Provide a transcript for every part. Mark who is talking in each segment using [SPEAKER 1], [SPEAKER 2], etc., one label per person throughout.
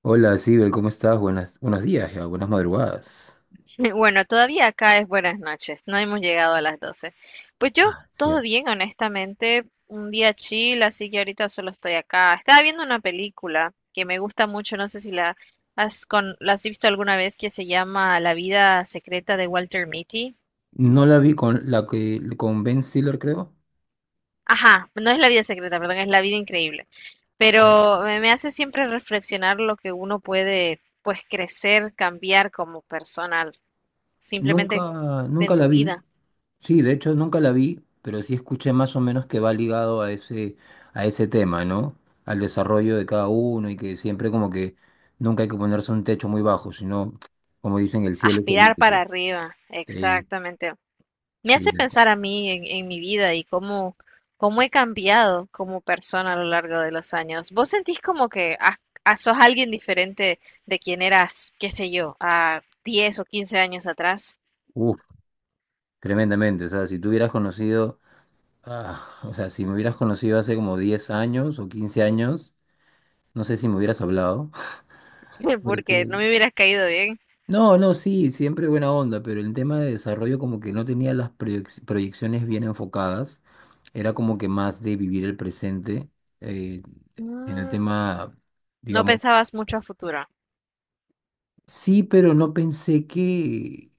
[SPEAKER 1] Hola, Sibel, ¿cómo estás? Buenos días ya, buenas madrugadas.
[SPEAKER 2] Bueno, todavía acá es buenas noches, no hemos llegado a las 12. Pues yo,
[SPEAKER 1] Ah,
[SPEAKER 2] todo
[SPEAKER 1] cierto.
[SPEAKER 2] bien, honestamente, un día chill, así que ahorita solo estoy acá. Estaba viendo una película que me gusta mucho, no sé si la has visto alguna vez, que se llama La vida secreta de Walter Mitty.
[SPEAKER 1] No la vi con la que con Ben Stiller, creo.
[SPEAKER 2] Ajá, no es la vida secreta, perdón, es la vida increíble.
[SPEAKER 1] Ay.
[SPEAKER 2] Pero me hace siempre reflexionar lo que uno puede, pues, crecer, cambiar como persona, simplemente
[SPEAKER 1] Nunca,
[SPEAKER 2] en
[SPEAKER 1] nunca la
[SPEAKER 2] tu
[SPEAKER 1] vi.
[SPEAKER 2] vida.
[SPEAKER 1] Sí, de hecho nunca la vi, pero sí escuché más o menos que va ligado a ese tema, ¿no? Al desarrollo de cada uno y que siempre como que nunca hay que ponerse un techo muy bajo, sino, como dicen, el cielo es el
[SPEAKER 2] Aspirar para
[SPEAKER 1] límite.
[SPEAKER 2] arriba,
[SPEAKER 1] Sí,
[SPEAKER 2] exactamente. Me
[SPEAKER 1] sí.
[SPEAKER 2] hace pensar a mí en mi vida y cómo he cambiado como persona a lo largo de los años. ¿Vos sentís como que sos alguien diferente de quien eras, qué sé yo, a 10 o 15 años atrás?
[SPEAKER 1] Uf, tremendamente. O sea, si tú hubieras conocido. Ah, o sea, si me hubieras conocido hace como 10 años o 15 años, no sé si me hubieras hablado.
[SPEAKER 2] Porque
[SPEAKER 1] Porque...
[SPEAKER 2] no me hubieras caído bien.
[SPEAKER 1] No, no, sí, siempre buena onda, pero el tema de desarrollo como que no tenía las proyecciones bien enfocadas. Era como que más de vivir el presente. eh, en el
[SPEAKER 2] Mm.
[SPEAKER 1] tema,
[SPEAKER 2] No
[SPEAKER 1] digamos,
[SPEAKER 2] pensabas mucho a futuro.
[SPEAKER 1] sí, pero no pensé que...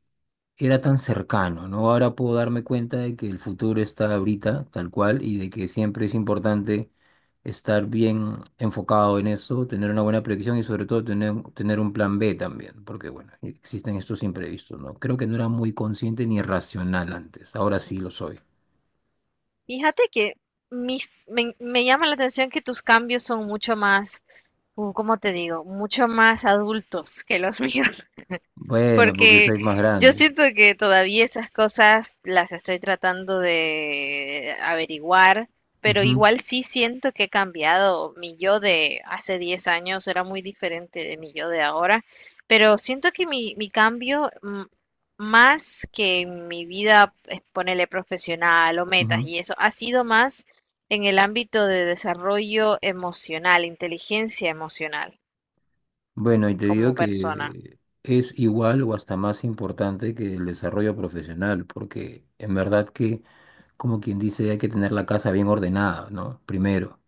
[SPEAKER 1] era tan cercano, ¿no? Ahora puedo darme cuenta de que el futuro está ahorita, tal cual, y de que siempre es importante estar bien enfocado en eso, tener una buena predicción y sobre todo tener un plan B también, porque bueno, existen estos imprevistos, ¿no? Creo que no era muy consciente ni racional antes, ahora sí lo soy.
[SPEAKER 2] Fíjate que me llama la atención que tus cambios son mucho más, ¿cómo te digo? Mucho más adultos que los míos.
[SPEAKER 1] Bueno, porque
[SPEAKER 2] Porque
[SPEAKER 1] soy más
[SPEAKER 2] yo
[SPEAKER 1] grande.
[SPEAKER 2] siento que todavía esas cosas las estoy tratando de averiguar, pero
[SPEAKER 1] Ujú,
[SPEAKER 2] igual sí siento que he cambiado. Mi yo de hace 10 años era muy diferente de mi yo de ahora, pero siento que mi cambio, más que en mi vida, ponele profesional o metas
[SPEAKER 1] ujú.
[SPEAKER 2] y eso, ha sido más en el ámbito de desarrollo emocional, inteligencia emocional
[SPEAKER 1] Bueno, y te
[SPEAKER 2] como
[SPEAKER 1] digo
[SPEAKER 2] persona.
[SPEAKER 1] que es igual o hasta más importante que el desarrollo profesional, porque en verdad que... como quien dice, hay que tener la casa bien ordenada, ¿no? Primero.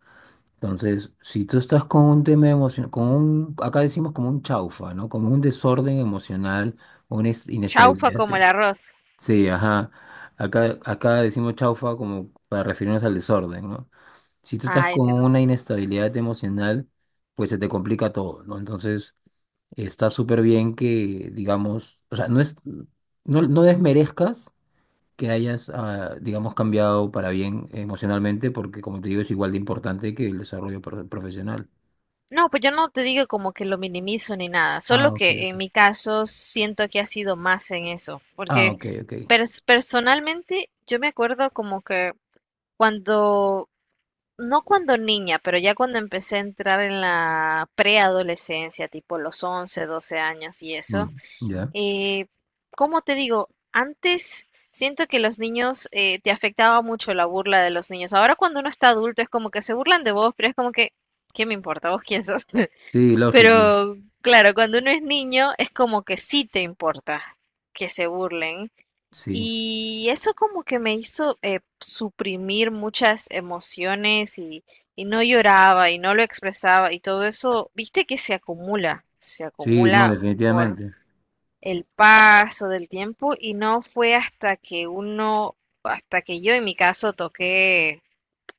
[SPEAKER 1] Entonces, si tú estás con un tema emocional, con un, acá decimos como un chaufa, ¿no? Como un desorden emocional, una
[SPEAKER 2] Chaufa
[SPEAKER 1] inestabilidad.
[SPEAKER 2] como el arroz.
[SPEAKER 1] Sí, ajá. Acá decimos chaufa como para referirnos al desorden, ¿no? Si tú estás
[SPEAKER 2] Ah.
[SPEAKER 1] con una inestabilidad emocional, pues se te complica todo, ¿no? Entonces, está súper bien que, digamos, o sea, no es, no, no desmerezcas que hayas, digamos, cambiado para bien emocionalmente, porque como te digo, es igual de importante que el desarrollo profesional.
[SPEAKER 2] No, pues yo no te digo como que lo minimizo ni nada, solo
[SPEAKER 1] Ah, ok,
[SPEAKER 2] que en
[SPEAKER 1] ok.
[SPEAKER 2] mi caso siento que ha sido más en eso,
[SPEAKER 1] Ah,
[SPEAKER 2] porque
[SPEAKER 1] ok, ok.
[SPEAKER 2] personalmente yo me acuerdo como que cuando, no cuando niña, pero ya cuando empecé a entrar en la preadolescencia, tipo los 11, 12 años y
[SPEAKER 1] Mm,
[SPEAKER 2] eso,
[SPEAKER 1] ya.
[SPEAKER 2] eh, ¿cómo te digo? Antes siento que los niños te afectaba mucho la burla de los niños. Ahora cuando uno está adulto es como que se burlan de vos, pero es como que, ¿qué me importa vos quién sos?
[SPEAKER 1] Sí, lógico.
[SPEAKER 2] Pero claro, cuando uno es niño es como que sí te importa que se burlen.
[SPEAKER 1] Sí.
[SPEAKER 2] Y eso como que me hizo suprimir muchas emociones y no lloraba y no lo expresaba y todo eso, viste que se
[SPEAKER 1] Sí, no,
[SPEAKER 2] acumula por
[SPEAKER 1] definitivamente.
[SPEAKER 2] el paso del tiempo y no fue hasta que uno, hasta que yo en mi caso toqué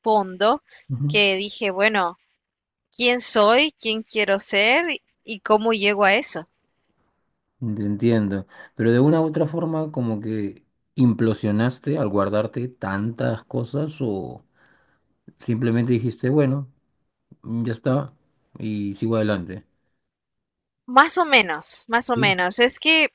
[SPEAKER 2] fondo,
[SPEAKER 1] Ujú.
[SPEAKER 2] que dije, bueno, quién soy, quién quiero ser y cómo llego a eso.
[SPEAKER 1] Te entiendo. Pero de una u otra forma, como que implosionaste al guardarte tantas cosas o simplemente dijiste, bueno, mm, ya está y sigo adelante.
[SPEAKER 2] Más o menos, más o
[SPEAKER 1] Sí,
[SPEAKER 2] menos. Es que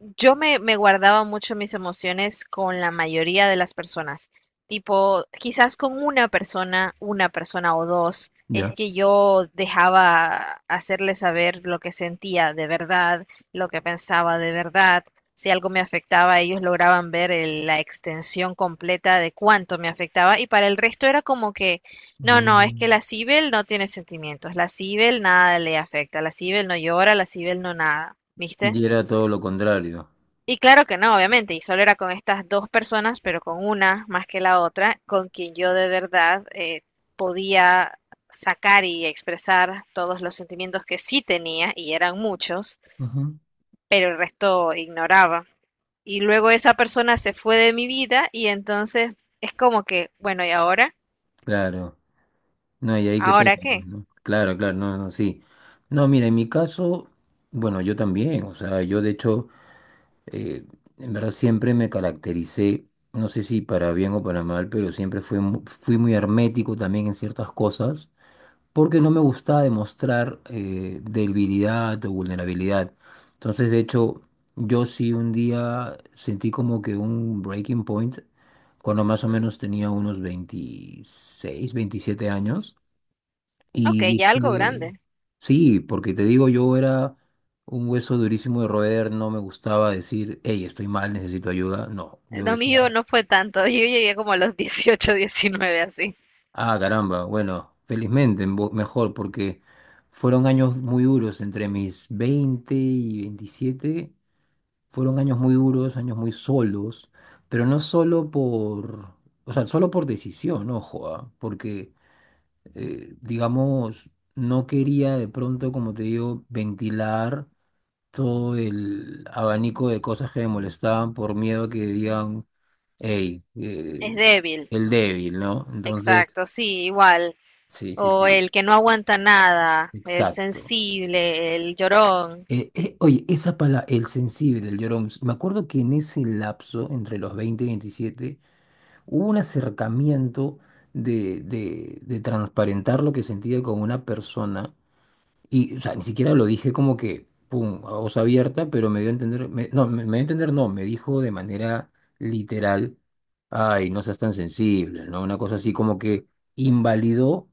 [SPEAKER 2] yo me guardaba mucho mis emociones con la mayoría de las personas. Tipo, quizás con una persona o dos, es
[SPEAKER 1] ya.
[SPEAKER 2] que yo dejaba hacerle saber lo que sentía de verdad, lo que pensaba de verdad. Si algo me afectaba, ellos lograban ver la extensión completa de cuánto me afectaba. Y para el resto era como que, no, no, es que
[SPEAKER 1] Mm.
[SPEAKER 2] la Cibel no tiene sentimientos. La Cibel nada le afecta. La Cibel no llora, la Cibel no nada. ¿Viste?
[SPEAKER 1] Y era todo lo contrario.
[SPEAKER 2] Y claro que no, obviamente, y solo era con estas dos personas, pero con una más que la otra, con quien yo de verdad podía sacar y expresar todos los sentimientos que sí tenía, y eran muchos, pero el resto ignoraba. Y luego esa persona se fue de mi vida y entonces es como que, bueno, ¿y ahora?
[SPEAKER 1] Claro, no, y ahí que toca,
[SPEAKER 2] ¿Ahora
[SPEAKER 1] pues,
[SPEAKER 2] qué?
[SPEAKER 1] ¿no? Claro, claro, no, no, sí. No, mira, en mi caso, bueno, yo también, o sea, yo de hecho, eh, en verdad siempre me caractericé, no sé si para bien o para mal, pero siempre fui, fui muy hermético también en ciertas cosas, porque no me gustaba demostrar debilidad o vulnerabilidad. Entonces, de hecho, yo sí un día sentí como que un breaking point, cuando más o
[SPEAKER 2] ¿Mm?
[SPEAKER 1] menos tenía unos 26, 27 años. Y
[SPEAKER 2] Ok, ya algo
[SPEAKER 1] dije,
[SPEAKER 2] grande.
[SPEAKER 1] sí, porque te digo, yo era un hueso durísimo de roer, no me gustaba decir, hey, estoy mal, necesito ayuda. No, yo
[SPEAKER 2] Lo
[SPEAKER 1] decía,
[SPEAKER 2] mío no fue tanto, yo llegué como a los 18, 19 así.
[SPEAKER 1] ah, caramba, bueno, felizmente, mejor, porque fueron años muy duros entre mis 20 y 27, fueron años muy duros, años muy solos, pero no solo por, o sea, solo por decisión, ojo. Porque, digamos, no quería de pronto, como te digo, ventilar todo el abanico de cosas que me molestaban por miedo a que digan, hey,
[SPEAKER 2] Es débil,
[SPEAKER 1] el débil, ¿no? Entonces,
[SPEAKER 2] exacto, sí, igual.
[SPEAKER 1] sí, sí,
[SPEAKER 2] O
[SPEAKER 1] sí,
[SPEAKER 2] el que no aguanta nada, el
[SPEAKER 1] exacto.
[SPEAKER 2] sensible, el llorón,
[SPEAKER 1] Oye, esa palabra, el sensible, el llorón, me acuerdo que en ese lapso, entre los 20 y 27 hubo un acercamiento de transparentar lo que sentía con una persona. Y, o sea, ni siquiera lo dije como que, pum, a voz abierta, pero me dio a entender, me- no, me dio a entender, no, me dijo de manera literal, ay, no seas tan sensible, ¿no? Una cosa así como que invalidó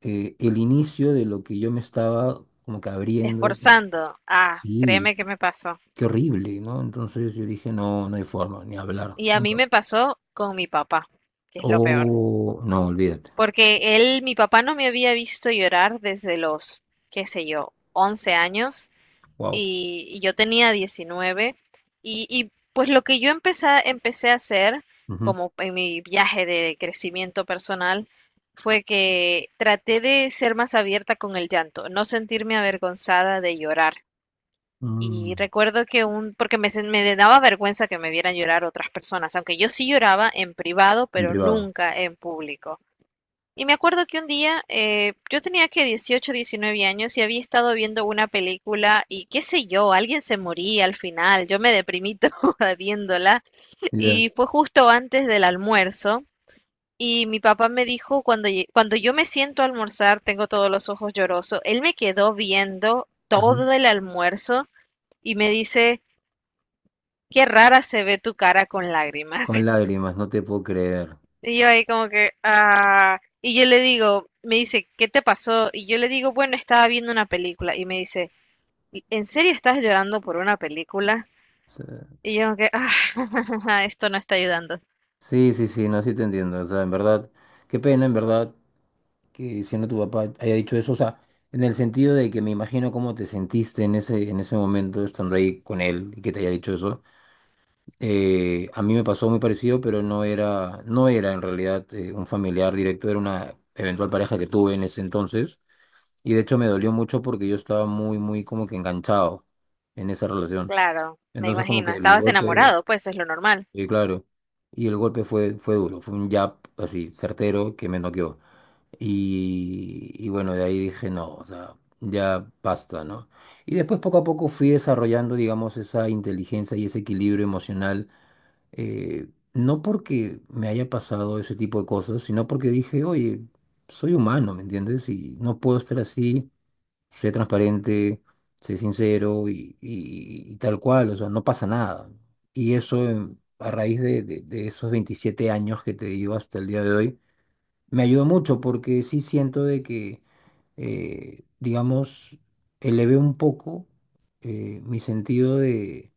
[SPEAKER 1] el inicio de lo que yo me estaba como que abriendo.
[SPEAKER 2] esforzando. Ah,
[SPEAKER 1] Y
[SPEAKER 2] créeme que me pasó.
[SPEAKER 1] qué horrible, ¿no? Entonces yo dije, no, no hay forma, ni hablar,
[SPEAKER 2] Y a
[SPEAKER 1] nunca.
[SPEAKER 2] mí me pasó con mi papá, que es lo peor.
[SPEAKER 1] Oh, no, olvídate.
[SPEAKER 2] Porque él, mi papá no me había visto llorar desde los, qué sé yo, 11 años
[SPEAKER 1] Wow.
[SPEAKER 2] y yo tenía 19 y, pues lo que yo empecé a hacer
[SPEAKER 1] Ujú.
[SPEAKER 2] como en mi viaje de crecimiento personal fue que traté de ser más abierta con el llanto, no sentirme avergonzada de llorar.
[SPEAKER 1] Mm,
[SPEAKER 2] Y recuerdo que un, porque me, sen- me daba vergüenza que me vieran llorar otras personas, aunque yo sí lloraba en privado,
[SPEAKER 1] en
[SPEAKER 2] pero
[SPEAKER 1] privado.
[SPEAKER 2] nunca en público. Y me acuerdo que un día yo tenía que 18, 19 años y había estado viendo una película y qué sé yo, alguien se moría al final, yo me deprimí toda viéndola
[SPEAKER 1] Ya.
[SPEAKER 2] y fue justo antes del almuerzo y mi papá me dijo cuando yo me siento a almorzar tengo todos los ojos llorosos, él me quedó viendo
[SPEAKER 1] Ujú.
[SPEAKER 2] todo el almuerzo y me dice, qué rara se ve tu cara con lágrimas.
[SPEAKER 1] Con lágrimas, no te puedo creer.
[SPEAKER 2] Y yo ahí como que, y yo le digo, me dice, ¿qué te pasó? Y yo le digo, bueno, estaba viendo una película. Y me dice, "¿en serio estás llorando por una película?
[SPEAKER 1] Sí.
[SPEAKER 2] Y yo como que, esto no está ayudando.
[SPEAKER 1] Sí, sí, sí, no, sí te entiendo. O sea, en verdad, qué pena, en verdad, que siendo tu papá haya dicho eso. O sea, en el sentido de que me imagino cómo te sentiste en ese momento estando ahí con él y que te haya dicho eso. A mí me pasó muy parecido, pero no era en realidad un familiar directo, era una eventual pareja que tuve en ese entonces. Y de hecho me dolió mucho porque yo estaba muy, muy como que enganchado en esa relación.
[SPEAKER 2] Claro, me
[SPEAKER 1] Entonces como
[SPEAKER 2] imagino,
[SPEAKER 1] que el
[SPEAKER 2] estabas
[SPEAKER 1] golpe...
[SPEAKER 2] enamorado, pues es lo normal.
[SPEAKER 1] Sí, claro. Y el golpe fue duro, fue un jab así certero que me noqueó. Y bueno, de ahí dije, no, o sea, ya basta, ¿no? Y después poco a poco fui desarrollando, digamos, esa inteligencia y ese equilibrio emocional, eh, no porque me haya pasado ese tipo de cosas, sino porque dije, oye, soy humano, ¿me entiendes? Y no puedo estar así, sé transparente, sé sincero y tal cual, o sea, no pasa nada. Y eso a raíz de esos 27 años que te digo hasta el día de hoy, me ayudó mucho porque sí siento de que, digamos, elevé un poco mi sentido de,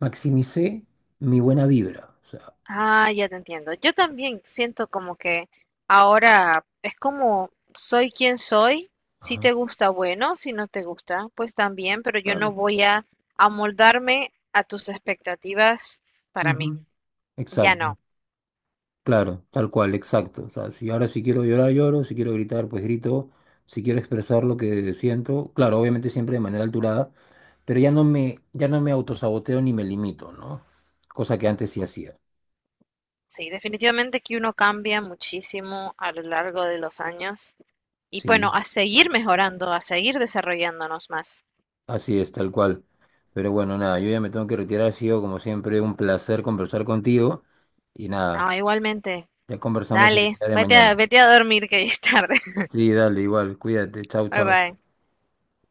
[SPEAKER 1] maximicé mi buena vibra, o sea,
[SPEAKER 2] Ah, ya te entiendo. Yo también siento como que ahora es como soy quien soy. Si te
[SPEAKER 1] ajá,
[SPEAKER 2] gusta, bueno, si no te gusta, pues también, pero yo no
[SPEAKER 1] claro,
[SPEAKER 2] voy a amoldarme a tus expectativas para mí.
[SPEAKER 1] ujú,
[SPEAKER 2] Ya
[SPEAKER 1] exacto.
[SPEAKER 2] no.
[SPEAKER 1] Claro, tal cual, exacto. O sea, si ahora si quiero llorar, lloro, si quiero gritar, pues grito, si quiero expresar lo que siento, claro, obviamente siempre de manera alturada, pero ya no me autosaboteo ni me limito, ¿no? Cosa que antes sí hacía.
[SPEAKER 2] Sí, definitivamente que uno cambia muchísimo a lo largo de los años y bueno,
[SPEAKER 1] Sí.
[SPEAKER 2] a seguir mejorando, a seguir desarrollándonos más.
[SPEAKER 1] Así es, tal cual. Pero bueno, nada, yo ya me tengo que retirar. Ha sido, como siempre, un placer conversar contigo. Y nada,
[SPEAKER 2] No, igualmente,
[SPEAKER 1] ya conversamos el
[SPEAKER 2] dale,
[SPEAKER 1] día de
[SPEAKER 2] vete a,
[SPEAKER 1] mañana.
[SPEAKER 2] vete a dormir que ya es tarde.
[SPEAKER 1] Sí, dale, igual, cuídate, chau,
[SPEAKER 2] Bye
[SPEAKER 1] chau.
[SPEAKER 2] bye.